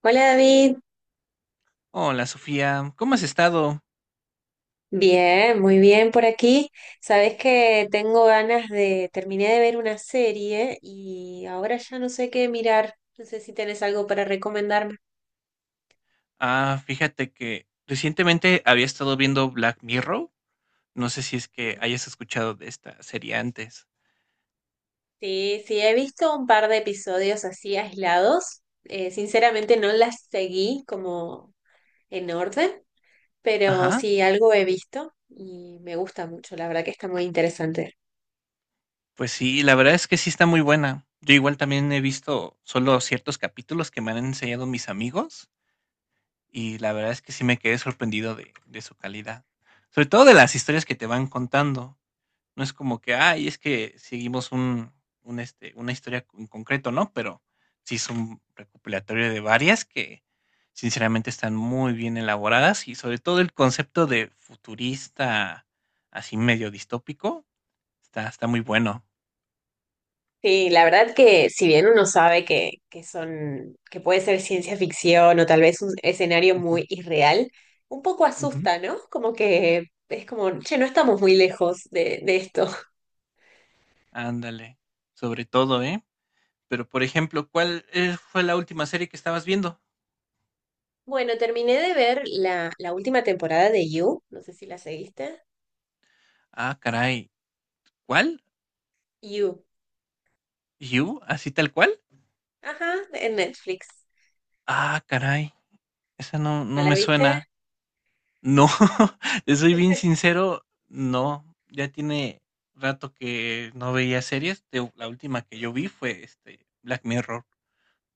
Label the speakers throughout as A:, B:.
A: Hola David,
B: Hola Sofía, ¿cómo has estado?
A: bien, muy bien por aquí. Sabes que tengo ganas terminé de ver una serie y ahora ya no sé qué mirar. No sé si tenés algo para recomendarme.
B: Ah, fíjate que recientemente había estado viendo Black Mirror. No sé si es que hayas escuchado de esta serie antes.
A: Sí, sí, he visto un par de episodios así aislados. Sinceramente no las seguí como en orden, pero
B: Ajá,
A: sí algo he visto y me gusta mucho. La verdad que está muy interesante.
B: pues sí, la verdad es que sí está muy buena. Yo igual también he visto solo ciertos capítulos que me han enseñado mis amigos, y la verdad es que sí me quedé sorprendido de su calidad. Sobre todo de las historias que te van contando. No es como que, ay, es que seguimos una historia en concreto, ¿no? Pero sí es un recopilatorio de varias que sinceramente están muy bien elaboradas, y sobre todo el concepto de futurista, así medio distópico, está muy bueno.
A: Sí, la verdad que si bien uno sabe que son, que puede ser ciencia ficción o tal vez un escenario
B: Ujú.
A: muy irreal, un poco
B: Ujú.
A: asusta, ¿no? Como que es como, che, no estamos muy lejos de esto.
B: Ándale, sobre todo, ¿eh? Pero, por ejemplo, ¿ fue la última serie que estabas viendo?
A: Bueno, terminé de ver la última temporada de You, no sé si la seguiste.
B: Ah, caray, ¿cuál?
A: You,
B: ¿You? ¿Así tal cual?
A: ajá, en Netflix.
B: Ah, caray, esa no
A: ¿No
B: no
A: la
B: me
A: viste?
B: suena. No, te soy bien sincero, no, ya tiene rato que no veía series, te la última que yo vi fue, Black Mirror,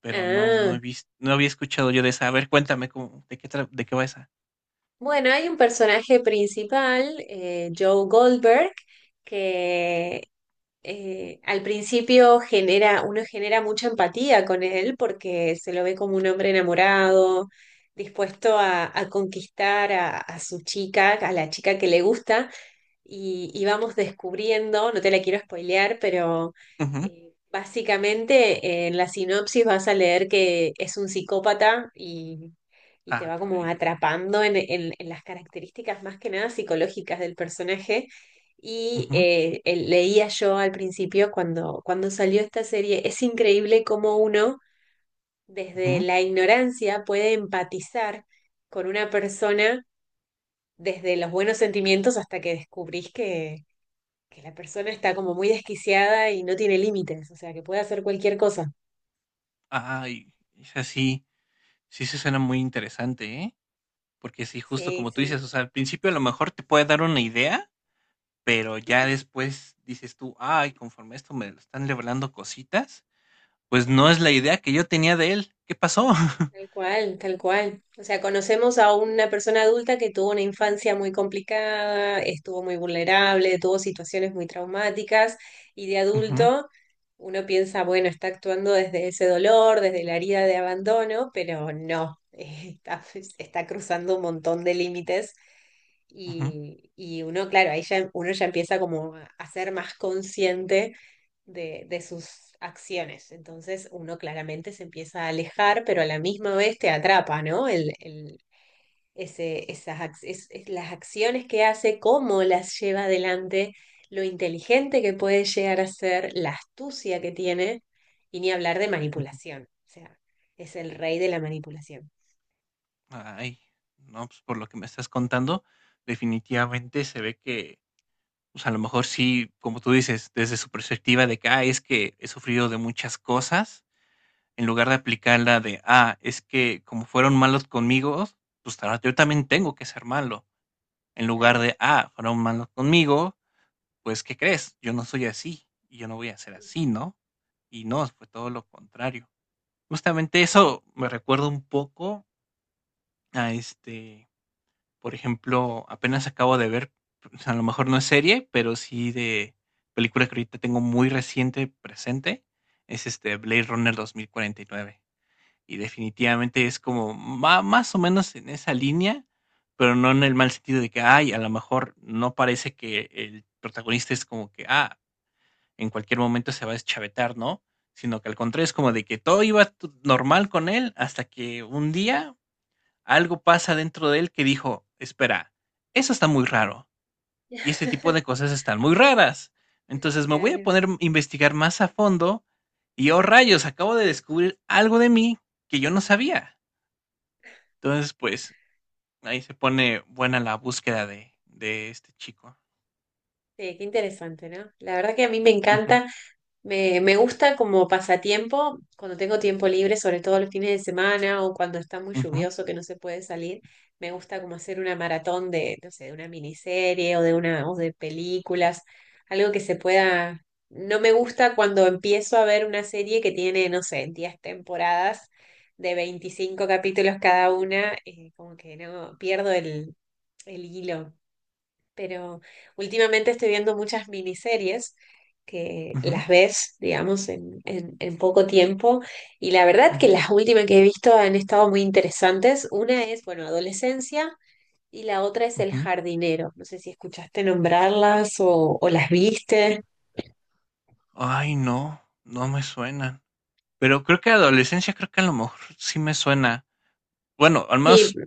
B: pero no
A: Ah,
B: he visto, no había escuchado yo de esa. A ver, cuéntame cómo, ¿ de qué va esa?
A: bueno, hay un personaje principal, Joe Goldberg, que al principio genera, uno genera mucha empatía con él porque se lo ve como un hombre enamorado, dispuesto a conquistar a su chica, a la chica que le gusta y vamos descubriendo, no te la quiero spoilear, pero
B: Ujú.
A: básicamente en la sinopsis vas a leer que es un psicópata y te
B: Ah,
A: va como
B: caray.
A: atrapando en las características más que nada psicológicas del personaje. Y
B: Ujú,
A: leía yo al principio cuando salió esta serie, es increíble cómo uno desde
B: ujú.
A: la ignorancia puede empatizar con una persona desde los buenos sentimientos hasta que descubrís que la persona está como muy desquiciada y no tiene límites, o sea, que puede hacer cualquier cosa.
B: Ay, esa sí, sí se suena muy interesante, ¿eh? Porque sí, justo
A: Sí,
B: como tú dices,
A: sí,
B: o sea, al principio a lo mejor te puede dar una idea, pero ya después dices tú: "Ay, conforme esto me lo están revelando cositas". Pues no es la idea que yo tenía de él. ¿Qué pasó?
A: tal cual, tal cual. O sea, conocemos a una persona adulta que tuvo una infancia muy complicada, estuvo muy vulnerable, tuvo situaciones muy traumáticas y de
B: Ujú,
A: adulto uno piensa, bueno, está actuando desde ese dolor, desde la herida de abandono, pero no, está, está cruzando un montón de límites
B: ujú,
A: y uno, claro, ahí ya, uno ya empieza como a ser más consciente de sus acciones. Entonces uno claramente se empieza a alejar, pero a la misma vez te atrapa, ¿no? El- ese, esas, ac- es las acciones que hace, cómo las lleva adelante, lo inteligente que puede llegar a ser, la astucia que tiene, y ni hablar de
B: ujú.
A: manipulación. O sea, es el rey de la manipulación.
B: Ay, no, pues por lo que me estás contando, definitivamente se ve que, pues a lo mejor sí, como tú dices, desde su perspectiva de que, ah, es que he sufrido de muchas cosas, en lugar de aplicarla de, ah, es que como fueron malos conmigo, pues ahora yo también tengo que ser malo, en lugar
A: Claro.
B: de, ah, fueron malos conmigo, pues ¿qué crees? Yo no soy así y yo no voy a ser así, ¿no? Y no, fue todo
A: Sí.
B: lo contrario. Justamente eso me recuerda un poco a, por ejemplo, apenas acabo de ver, o sea, a lo mejor no es serie, pero sí de película, que ahorita tengo muy reciente presente, es este Blade Runner 2049. Y nueve. Y definitivamente es como más o menos en esa línea, pero no en el mal sentido de que, ay, a lo mejor no parece que el protagonista es como que, ah, en cualquier momento se va a deschavetar, ¿no? Sino que al contrario es como de que todo iba normal con él hasta que un día algo pasa dentro de él que dijo, espera, eso está muy raro y este tipo de cosas están muy raras. Entonces me voy a
A: Claro.
B: poner a investigar más a fondo y oh rayos, acabo de descubrir algo de mí que yo no sabía. Entonces, pues ahí se pone buena la búsqueda de este chico.
A: Sí, qué interesante, ¿no? La verdad que a mí me
B: Ujú,
A: encanta. Me gusta como pasatiempo, cuando tengo tiempo libre, sobre todo los fines de semana o cuando está muy
B: ujú,
A: lluvioso que no se puede salir, me gusta como hacer una maratón de, no sé, de una miniserie o de una, o de películas, algo que se pueda. No me gusta cuando empiezo a ver una serie que tiene, no sé, 10 temporadas de 25 capítulos cada una, como que no pierdo el hilo, pero últimamente estoy viendo muchas miniseries que
B: ujú,
A: las ves, digamos, en poco tiempo y la verdad que
B: ujú,
A: las últimas que he visto han estado muy interesantes. Una es, bueno, Adolescencia, y la otra es El
B: ujú.
A: Jardinero. No sé si escuchaste nombrarlas o las viste.
B: Ay, no, no me suenan. Pero creo que adolescencia, creo que a lo mejor sí me suena. Bueno, al
A: Sí,
B: menos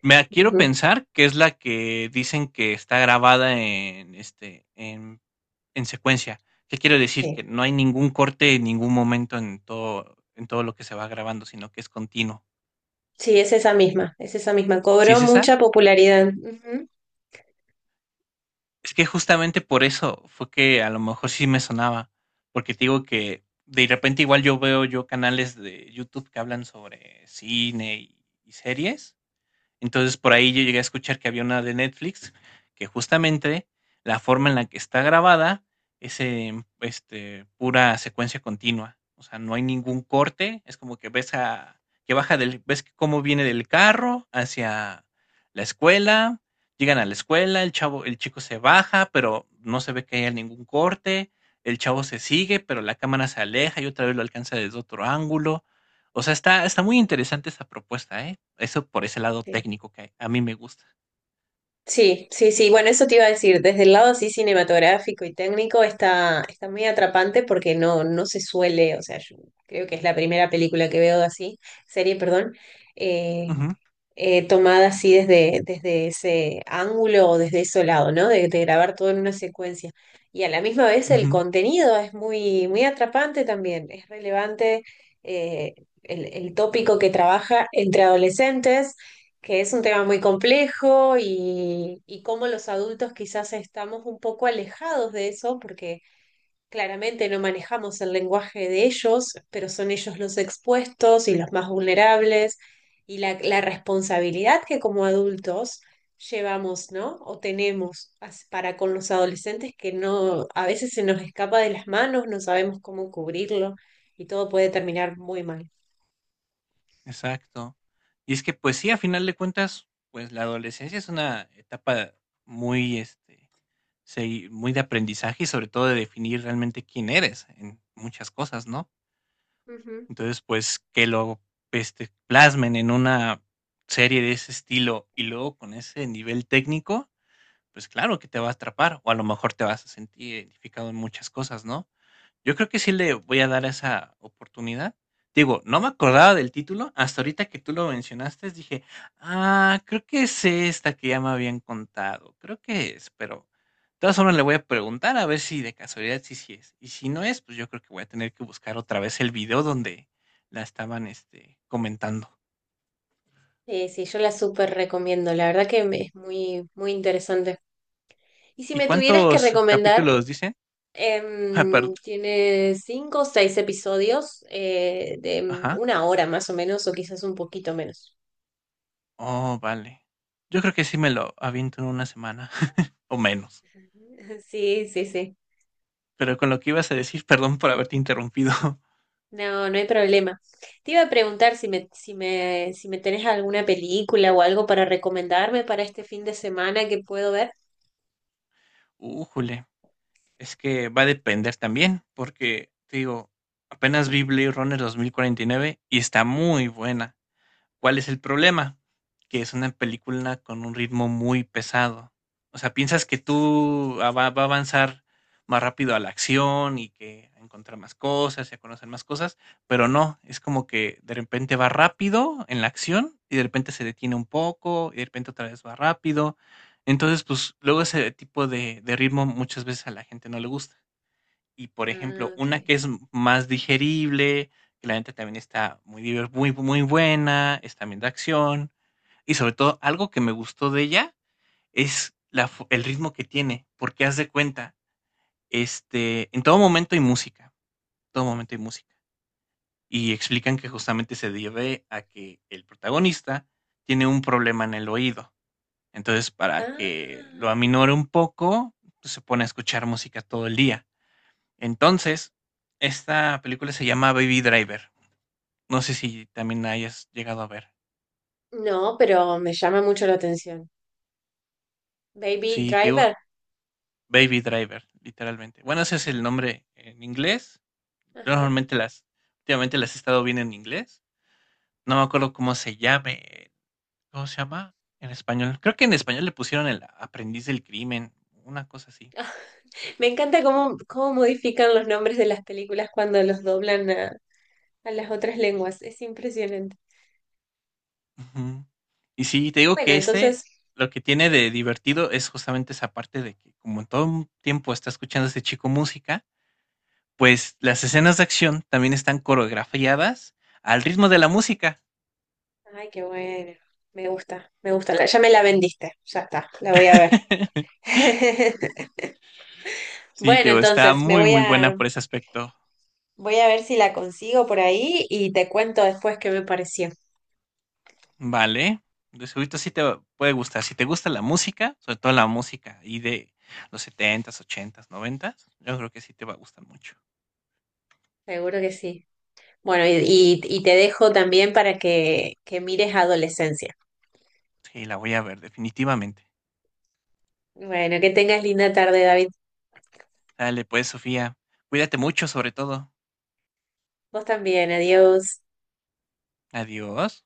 B: me quiero
A: ujú,
B: pensar que es la que dicen que está grabada en secuencia. ¿Qué quiero decir?
A: sí,
B: Que no hay ningún corte en ningún momento en todo lo que se va grabando, sino que es continuo.
A: sí, es esa misma, es esa misma.
B: ¿Sí
A: Cobró
B: es esa?
A: mucha popularidad. Ujú.
B: Es que justamente por eso fue que a lo mejor sí me sonaba. Porque te digo que de repente igual yo veo yo canales de YouTube que hablan sobre cine y series. Entonces, por ahí yo llegué a escuchar que había una de Netflix que justamente la forma en la que está grabada es en, pura secuencia continua. O sea, no hay ningún corte, es como que ves que cómo viene del carro hacia la escuela, llegan a la escuela, el chico se baja, pero no se ve que haya ningún corte, el chavo se sigue, pero la cámara se aleja y otra vez lo alcanza desde otro ángulo. O sea, está muy interesante esa propuesta, ¿eh? Eso por ese lado técnico que a mí me gusta.
A: Sí, sí, sí. Bueno, eso te iba a decir. Desde el lado así cinematográfico y técnico está, está muy atrapante porque no, no se suele, o sea, yo creo que es la primera película que veo así, serie, perdón, eh,
B: Ujú,
A: tomada así desde, desde ese ángulo o desde ese lado, ¿no? De grabar todo en una secuencia. Y a la misma vez el
B: ujú,
A: contenido es muy, muy atrapante también, es relevante, eh, el tópico que trabaja entre adolescentes, que es un tema muy complejo y cómo los adultos quizás estamos un poco alejados de eso, porque claramente no manejamos el lenguaje de ellos, pero son ellos los expuestos y los más vulnerables y la responsabilidad que como adultos llevamos, ¿no? O tenemos as- para con los adolescentes que no, a veces se nos escapa de las manos, no sabemos cómo cubrirlo y todo puede terminar muy mal.
B: exacto. Y es que, pues sí, a final de cuentas, pues la adolescencia es una etapa muy, este, segui muy de aprendizaje y sobre todo de definir realmente quién eres en muchas cosas, ¿no?
A: Ujú.
B: Entonces, pues que plasmen en una serie de ese estilo y luego con ese nivel técnico, pues claro que te va a atrapar o a lo mejor te vas a sentir identificado en muchas cosas, ¿no? Yo creo que sí le voy a dar esa oportunidad. Digo, no me acordaba del título, hasta ahorita que tú lo mencionaste, dije: "Ah, creo que es esta que ya me habían contado, creo que es", pero de todas formas le voy a preguntar a ver si de casualidad sí, sí es. Y si no es, pues yo creo que voy a tener que buscar otra vez el video donde la estaban, comentando.
A: Sí, yo la súper recomiendo, la verdad que me- es muy, muy interesante. Y si
B: ¿Y
A: me tuvieras que
B: cuántos
A: recomendar.
B: capítulos dicen? Ah, perdón.
A: Tiene cinco o seis episodios de
B: Ajá.
A: una hora más o menos, o quizás un poquito menos.
B: Oh, vale. Yo creo que sí me lo aviento en una semana o menos.
A: Sí, sí, sí.
B: Pero con lo que ibas a decir, perdón por haberte interrumpido.
A: No, no hay problema. Te iba a preguntar si me tenés alguna película o algo para recomendarme para este fin de semana que puedo ver.
B: Újule, es que va a depender también, porque te digo, apenas vi Blade Runner 2049 y nueve y está muy buena. ¿Cuál es el problema? Que es una película con un ritmo muy pesado. O sea, piensas que va a avanzar más rápido a la acción y que a encontrar más cosas y a conocer más cosas, pero no, es como que de repente va rápido en la acción y de repente se detiene un poco y de repente otra vez va rápido. Entonces, pues luego ese tipo de ritmo muchas veces a la gente no le gusta. Y, por
A: Ah,
B: ejemplo,
A: ok.
B: una que es más digerible, que la neta también está muy, muy buena, es también de acción. Y sobre todo, algo que me gustó de ella es el ritmo que tiene, porque haz de cuenta, en todo momento hay música, todo momento hay música. Y explican que justamente se debe a que el protagonista tiene un problema en el oído. Entonces, para que lo
A: Ah,
B: aminore un poco, pues, se pone a escuchar música todo el día. Entonces, esta película se llama Baby Driver. No sé si también la hayas llegado a ver.
A: no, pero me llama mucho la atención. Baby
B: Sí, te digo,
A: Driver.
B: Baby Driver, literalmente. Bueno, ese es
A: Ajá,
B: el nombre en inglés. Yo
A: ajá.
B: normalmente las, últimamente las he estado viendo en inglés. No me acuerdo cómo se llame. ¿Cómo se llama en español? Creo que en español le pusieron El Aprendiz del Crimen, una cosa así.
A: Me encanta cómo, cómo modifican los nombres de las películas cuando los doblan a las otras lenguas. Es impresionante.
B: Ujú. Y sí, te digo
A: Bueno,
B: que
A: entonces,
B: lo que tiene de divertido es justamente esa parte de que como en todo un tiempo está escuchando a este chico música, pues las escenas de acción también están coreografiadas al ritmo de la música.
A: ay, qué bueno. Me gusta, me gusta. La- ya me la vendiste. Ya está, la voy a ver.
B: Sí,
A: Bueno,
B: Teo, está
A: entonces, me
B: muy,
A: voy
B: muy buena
A: a,
B: por ese aspecto.
A: voy a ver si la consigo por ahí y te cuento después qué me pareció.
B: Vale. De seguro sí te puede gustar. Si te gusta la música, sobre todo la música y de los setentas, ochentas, noventas, yo creo que sí te va a gustar mucho.
A: Seguro que sí. Bueno, y te dejo también para que mires Adolescencia.
B: Sí, la voy a ver definitivamente.
A: Bueno, que tengas linda tarde, David.
B: Dale, pues, Sofía. Cuídate mucho, sobre todo.
A: Vos también, adiós.
B: Adiós.